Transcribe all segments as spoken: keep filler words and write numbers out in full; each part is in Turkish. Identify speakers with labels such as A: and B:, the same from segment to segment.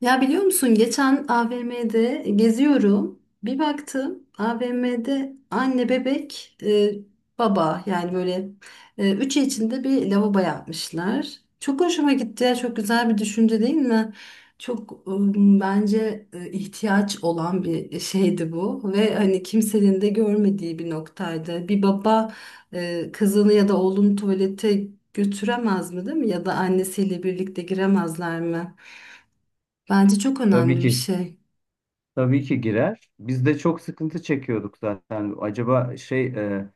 A: Ya biliyor musun geçen A V M'de geziyorum. Bir baktım A V M'de anne bebek e, baba yani böyle e, üçü içinde bir lavabo yapmışlar. Çok hoşuma gitti ya, çok güzel bir düşünce değil mi? Çok, e, bence, e, ihtiyaç olan bir şeydi bu ve hani kimsenin de görmediği bir noktaydı. Bir baba e, kızını ya da oğlunu tuvalete götüremez mi, değil mi? Ya da annesiyle birlikte giremezler mi? Bence çok
B: Tabii
A: önemli bir
B: ki,
A: şey.
B: tabii ki girer. Biz de çok sıkıntı çekiyorduk zaten. Acaba şey, e,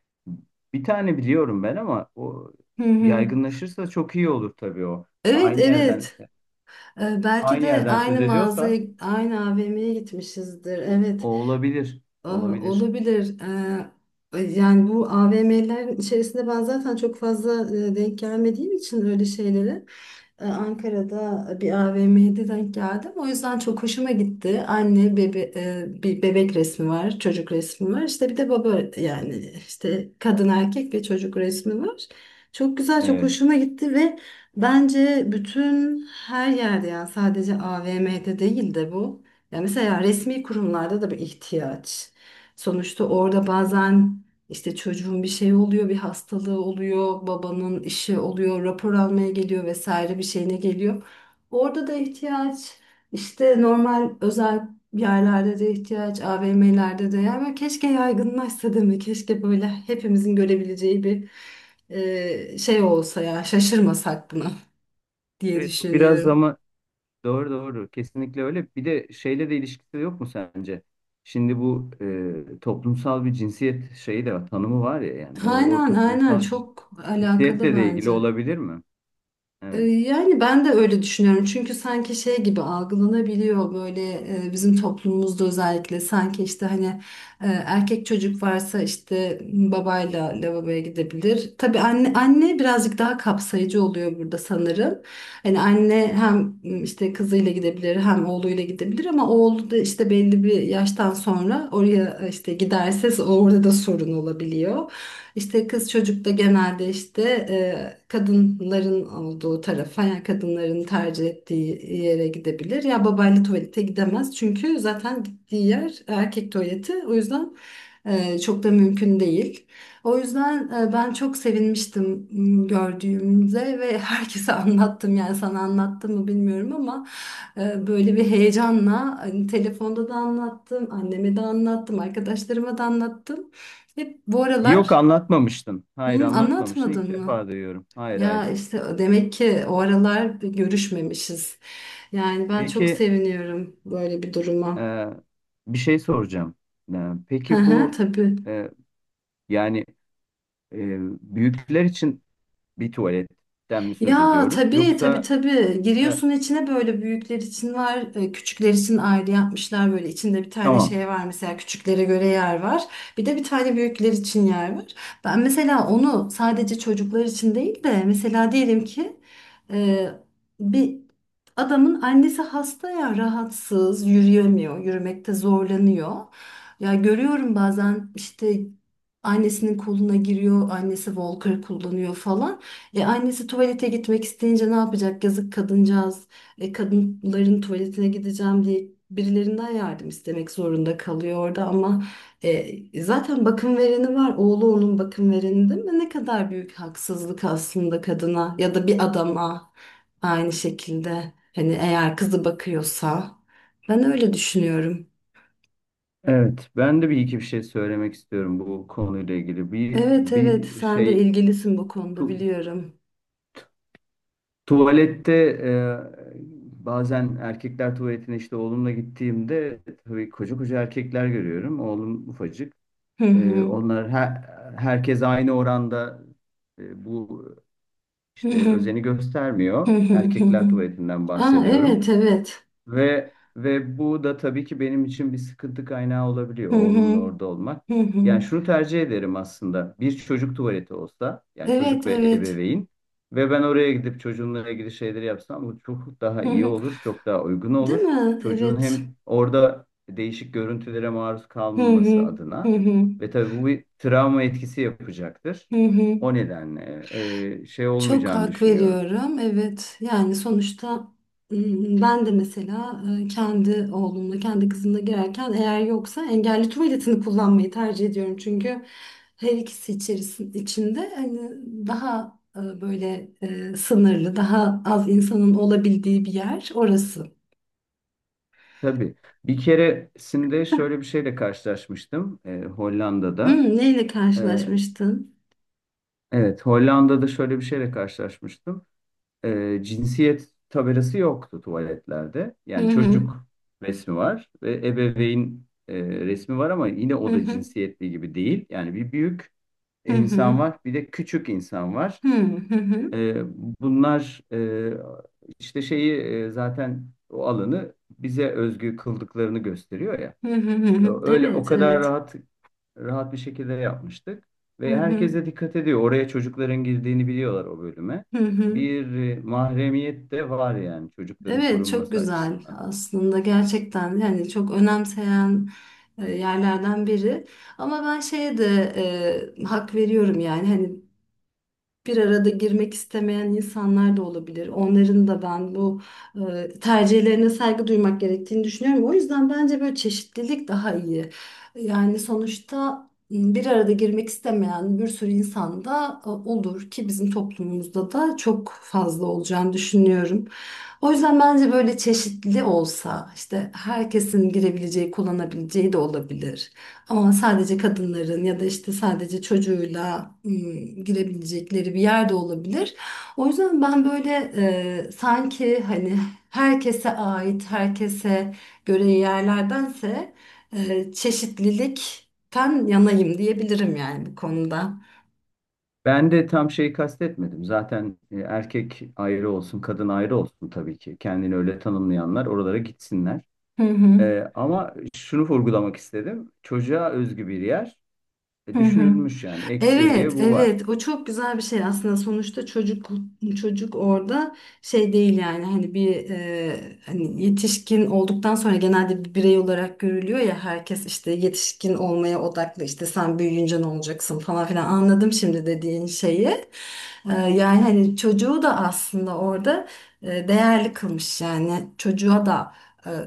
B: bir tane biliyorum ben, ama o
A: Hı hı.
B: yaygınlaşırsa çok iyi olur tabii o.
A: Evet,
B: Aynı yerden,
A: evet. Ee, belki
B: aynı
A: de
B: yerden
A: aynı
B: söz ediyorsa
A: mağazaya, aynı A V M'ye gitmişizdir. Evet.
B: o olabilir,
A: Aa,
B: olabilir.
A: Olabilir. Ee, yani bu A V M'lerin içerisinde ben zaten çok fazla e, denk gelmediğim için öyle şeylere, e, Ankara'da bir A V M'de denk geldim. O yüzden çok hoşuma gitti. Anne bebe e, bir bebek resmi var, çocuk resmi var. İşte bir de baba, yani işte kadın, erkek ve çocuk resmi var. Çok güzel, çok
B: Evet.
A: hoşuma gitti ve bence bütün her yerde, yani sadece A V M'de değil de bu. Ya mesela resmi kurumlarda da bir ihtiyaç. Sonuçta orada bazen işte çocuğun bir şey oluyor, bir hastalığı oluyor, babanın işi oluyor, rapor almaya geliyor, vesaire bir şeyine geliyor. Orada da ihtiyaç, işte normal özel yerlerde de ihtiyaç, A V M'lerde de, yani keşke yaygınlaşsa değil mi? Keşke böyle hepimizin görebileceği bir e, şey olsa ya, şaşırmasak buna diye
B: Evet, bu biraz,
A: düşünüyorum.
B: ama doğru doğru, kesinlikle öyle. Bir de şeyle de ilişkisi yok mu sence? Şimdi bu e, toplumsal bir cinsiyet şeyi de var, tanımı var ya, yani o, o
A: Aynen aynen,
B: toplumsal
A: çok alakalı
B: cinsiyetle de ilgili
A: bence.
B: olabilir mi?
A: E,
B: Evet.
A: Yani ben de öyle düşünüyorum. Çünkü sanki şey gibi algılanabiliyor, böyle e, bizim toplumumuzda özellikle, sanki işte hani e, erkek çocuk varsa işte babayla lavaboya gidebilir. Tabii anne anne birazcık daha kapsayıcı oluyor burada sanırım. Hani anne hem işte kızıyla gidebilir, hem oğluyla gidebilir ama oğlu da işte belli bir yaştan sonra oraya e, işte giderse, orada da sorun olabiliyor. İşte kız çocuk da genelde işte e, kadınların olduğu tarafa, yani kadınların tercih ettiği yere gidebilir. Ya babayla tuvalete gidemez çünkü zaten gittiği yer erkek tuvaleti. O yüzden e, çok da mümkün değil. O yüzden e, ben çok sevinmiştim, m, gördüğümde ve herkese anlattım. Yani sana anlattım mı bilmiyorum ama e, böyle bir heyecanla hani telefonda da anlattım, anneme de anlattım, arkadaşlarıma da anlattım. Hep bu
B: Yok,
A: aralar.
B: anlatmamıştın. Hayır,
A: Hmm,
B: anlatmamıştın. İlk
A: anlatmadın mı?
B: defa duyuyorum. Hayır, hayır.
A: Ya işte demek ki o aralar bir görüşmemişiz. Yani ben çok
B: Peki,
A: seviniyorum böyle bir duruma.
B: e, bir şey soracağım. E,
A: Hı
B: peki
A: hı,
B: bu,
A: tabii.
B: e, yani, e, büyükler için bir tuvaletten mi söz
A: Ya
B: ediyoruz?
A: tabii, tabii,
B: Yoksa
A: tabii,
B: e,
A: giriyorsun içine. Böyle büyükler için var, e, küçükler için ayrı yapmışlar, böyle içinde bir tane
B: tamam.
A: şey var. Mesela küçüklere göre yer var, bir de bir tane büyükler için yer var. Ben mesela onu sadece çocuklar için değil de, mesela diyelim ki e, bir adamın annesi hasta ya, rahatsız, yürüyemiyor, yürümekte zorlanıyor. Ya görüyorum bazen işte annesinin koluna giriyor, annesi walker kullanıyor falan. E annesi tuvalete gitmek isteyince ne yapacak? Yazık kadıncağız. E, kadınların tuvaletine gideceğim diye birilerinden yardım istemek zorunda kalıyor orada, ama e, zaten bakım vereni var. Oğlu onun bakım vereni değil mi? Ne kadar büyük haksızlık aslında kadına, ya da bir adama aynı şekilde. Hani eğer kızı bakıyorsa, ben öyle düşünüyorum.
B: Evet, ben de bir iki bir şey söylemek istiyorum bu konuyla ilgili. Bir,
A: Evet, evet,
B: bir
A: sen de
B: şey
A: ilgilisin bu konuda
B: tu-
A: biliyorum.
B: tuvalette, e, bazen erkekler tuvaletine işte oğlumla gittiğimde tabii koca koca erkekler görüyorum. Oğlum ufacık.
A: Hı
B: E,
A: hı.
B: onlar her, herkes aynı oranda e, bu işte özeni
A: Hı
B: göstermiyor.
A: hı hı hı.
B: Erkekler tuvaletinden
A: Aa,
B: bahsediyorum.
A: evet, evet.
B: Ve ve bu da tabii ki benim için bir sıkıntı kaynağı olabiliyor
A: Hı hı
B: oğlumla orada olmak.
A: hı hı.
B: Yani şunu tercih ederim aslında. Bir çocuk tuvaleti olsa, yani
A: Evet,
B: çocuk ve
A: evet.
B: ebeveyn ve ben oraya gidip çocuğunla ilgili şeyleri yapsam, bu çok daha
A: Hı
B: iyi
A: hı.
B: olur, çok daha uygun
A: Değil
B: olur.
A: mi?
B: Çocuğun
A: Evet.
B: hem orada değişik görüntülere maruz
A: Hı
B: kalmaması
A: hı hı
B: adına
A: hı
B: ve tabii bu bir travma etkisi yapacaktır.
A: hı hı.
B: O nedenle e, şey
A: Çok
B: olmayacağını
A: hak
B: düşünüyorum.
A: veriyorum. Evet. Yani sonuçta, m, ben de mesela, e, kendi oğlumla, kendi kızımla girerken, eğer yoksa, engelli tuvaletini kullanmayı tercih ediyorum. Çünkü her ikisi içerisinde, içinde hani daha e, böyle, e, sınırlı, daha az insanın olabildiği bir yer orası.
B: Tabii. Bir keresinde şöyle bir şeyle karşılaşmıştım e, Hollanda'da.
A: Hı, neyle
B: E,
A: karşılaşmıştın?
B: evet, Hollanda'da şöyle bir şeyle karşılaşmıştım. E, cinsiyet tabelası yoktu tuvaletlerde.
A: Hı
B: Yani
A: hı.
B: çocuk resmi var ve ebeveyn e, resmi var, ama yine
A: Hı
B: o da
A: hı.
B: cinsiyetli gibi değil. Yani bir büyük
A: Hı
B: insan
A: hı.
B: var, bir de küçük insan var.
A: Hı hı. Hı.
B: E, bunlar, e, işte şeyi, e, zaten o alanı bize özgü kıldıklarını gösteriyor ya.
A: Hı hı hı hı.
B: Öyle o
A: Evet,
B: kadar
A: evet.
B: rahat rahat bir şekilde yapmıştık.
A: Hı
B: Ve
A: hı.
B: herkes de dikkat ediyor. Oraya çocukların girdiğini biliyorlar o bölüme.
A: Hı hı.
B: Bir e, mahremiyet de var yani, çocukların
A: Evet, çok
B: korunması
A: güzel
B: açısından.
A: aslında, gerçekten yani çok önemseyen e, yerlerden biri. Ama ben şeye de e, hak veriyorum. Yani hani bir arada girmek istemeyen insanlar da olabilir. Onların da ben bu e, tercihlerine saygı duymak gerektiğini düşünüyorum. O yüzden bence böyle çeşitlilik daha iyi. Yani sonuçta, m, bir arada girmek istemeyen bir sürü insan da e, olur ki, bizim toplumumuzda da çok fazla olacağını düşünüyorum. O yüzden bence böyle çeşitli olsa, işte herkesin girebileceği, kullanabileceği de olabilir. Ama sadece kadınların ya da işte sadece çocuğuyla ım, girebilecekleri bir yer de olabilir. O yüzden ben böyle e, sanki hani herkese ait, herkese göre yerlerdense, e, çeşitlilikten yanayım diyebilirim yani bu konuda.
B: Ben de tam şeyi kastetmedim. Zaten e, erkek ayrı olsun, kadın ayrı olsun tabii ki. Kendini öyle tanımlayanlar oralara gitsinler.
A: Hı hı.
B: E, ama şunu vurgulamak istedim. Çocuğa özgü bir yer e,
A: Hı hı.
B: düşünülmüş yani.
A: Evet,
B: Ekseriye bu var.
A: evet. O çok güzel bir şey aslında. Sonuçta çocuk, çocuk orada şey değil. Yani hani bir, e, hani yetişkin olduktan sonra genelde bir birey olarak görülüyor ya, herkes işte yetişkin olmaya odaklı, işte sen büyüyünce ne olacaksın falan filan. Anladım şimdi dediğin şeyi. Ee, Yani hani çocuğu da aslında orada e, değerli kılmış, yani çocuğa da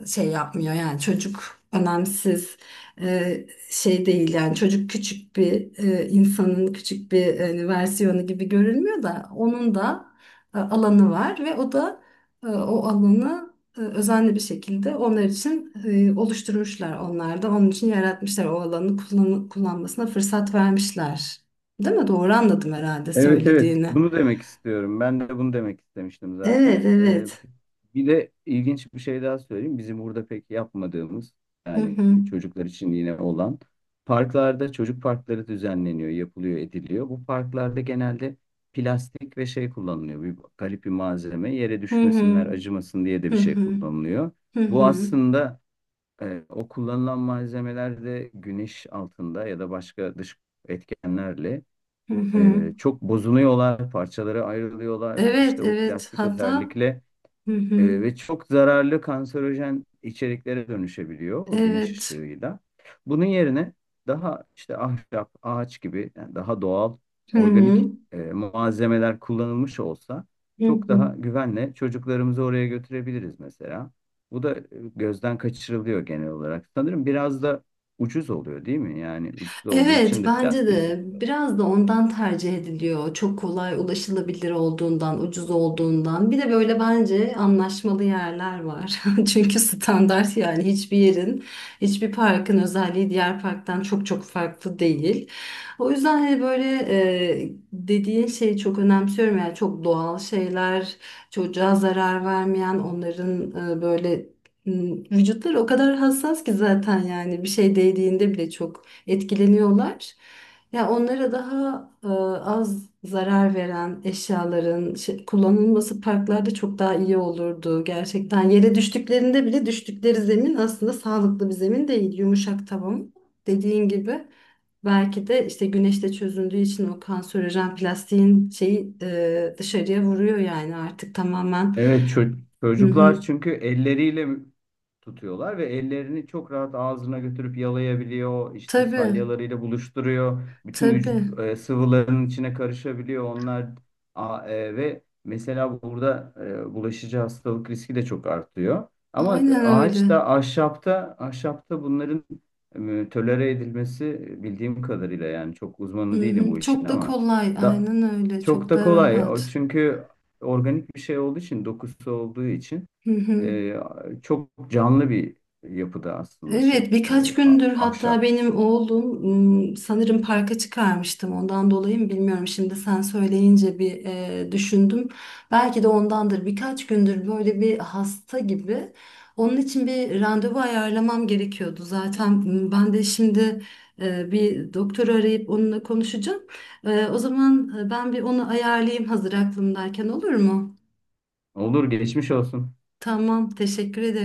A: e, şey yapmıyor, yani çocuk önemsiz e, şey değil, yani çocuk küçük bir, e, insanın küçük bir e, versiyonu gibi görülmüyor da, onun da e, alanı var ve o da, e, o alanı e, özenli bir şekilde onlar için e, oluşturmuşlar, onlar da onun için yaratmışlar, o alanı kullan- kullanmasına fırsat vermişler. Değil mi? Doğru anladım herhalde
B: Evet, evet,
A: söylediğini.
B: bunu demek istiyorum. Ben de bunu demek istemiştim zaten.
A: Evet,
B: Ee,
A: evet.
B: bir de ilginç bir şey daha söyleyeyim. Bizim burada pek yapmadığımız,
A: Hı
B: yani
A: hı.
B: çocuklar için yine olan parklarda çocuk parkları düzenleniyor, yapılıyor, ediliyor. Bu parklarda genelde plastik ve şey kullanılıyor. Bir garip bir malzeme, yere
A: Hı hı.
B: düşmesinler, acımasın diye de
A: Hı
B: bir şey
A: hı.
B: kullanılıyor.
A: Hı
B: Bu
A: hı.
B: aslında, e, o kullanılan malzemeler de güneş altında ya da başka dış etkenlerle
A: Hı hı.
B: e, çok bozuluyorlar, parçalara ayrılıyorlar.
A: Evet,
B: İşte o
A: evet.
B: plastik
A: Hatta
B: özellikle.
A: hı hı.
B: E, ve çok zararlı kanserojen içeriklere dönüşebiliyor o güneş
A: Evet.
B: ışığıyla. Bunun yerine daha işte ahşap, ağaç gibi, yani daha doğal,
A: Hı
B: organik
A: hı.
B: e, malzemeler kullanılmış olsa
A: Hı
B: çok
A: hı.
B: daha güvenle çocuklarımızı oraya götürebiliriz mesela. Bu da e, gözden kaçırılıyor genel olarak. Sanırım biraz da ucuz oluyor değil mi? Yani ucuz olduğu
A: Evet,
B: için de
A: bence
B: plastiği
A: de
B: seçiyorlar.
A: biraz da ondan tercih ediliyor. Çok kolay ulaşılabilir olduğundan, ucuz olduğundan. Bir de böyle bence anlaşmalı yerler var. Çünkü standart, yani hiçbir yerin, hiçbir parkın özelliği diğer parktan çok çok farklı değil. O yüzden hani böyle, e, dediğin şeyi çok önemsiyorum. Yani çok doğal şeyler, çocuğa zarar vermeyen, onların e, böyle m, Vücutları o kadar hassas ki zaten, yani bir şey değdiğinde bile çok etkileniyorlar. Ya onlara daha e, az zarar veren eşyaların şey- kullanılması parklarda çok daha iyi olurdu. Gerçekten yere düştüklerinde bile düştükleri zemin aslında sağlıklı bir zemin değil. Yumuşak tavan dediğin gibi. Belki de işte güneşte çözündüğü için o kanserojen plastiğin şeyi, e, dışarıya vuruyor yani artık tamamen.
B: Evet, çö-
A: Hı hı.
B: çocuklar çünkü elleriyle tutuyorlar ve ellerini çok rahat ağzına götürüp yalayabiliyor. İşte
A: Tabii,
B: salyalarıyla buluşturuyor. Bütün
A: tabii.
B: vücut e, sıvılarının içine karışabiliyor onlar. A- e, ve mesela burada e, bulaşıcı hastalık riski de çok artıyor. Ama
A: Aynen öyle.
B: ağaçta, ahşapta, ahşapta bunların e, tolere edilmesi, e, bildiğim kadarıyla, yani çok
A: Hı
B: uzmanı değilim
A: hı.
B: bu işin,
A: Çok da
B: ama
A: kolay,
B: da
A: aynen öyle,
B: çok
A: çok
B: da
A: da
B: kolay. O
A: rahat.
B: çünkü organik bir şey olduğu için, dokusu olduğu için
A: Hı hı.
B: e, çok canlı bir yapıda aslında şey,
A: Evet, birkaç
B: e, a-
A: gündür hatta
B: ahşap.
A: benim oğlum, ım, sanırım parka çıkarmıştım. Ondan dolayı mı bilmiyorum. Şimdi sen söyleyince bir e, düşündüm. Belki de ondandır. Birkaç gündür böyle bir hasta gibi. Onun için bir randevu ayarlamam gerekiyordu. Zaten, ım, ben de şimdi e, bir doktoru arayıp onunla konuşacağım. E, o zaman e, ben bir onu ayarlayayım, hazır aklımdayken, olur mu?
B: Olur, geçmiş olsun.
A: Tamam, teşekkür ederim.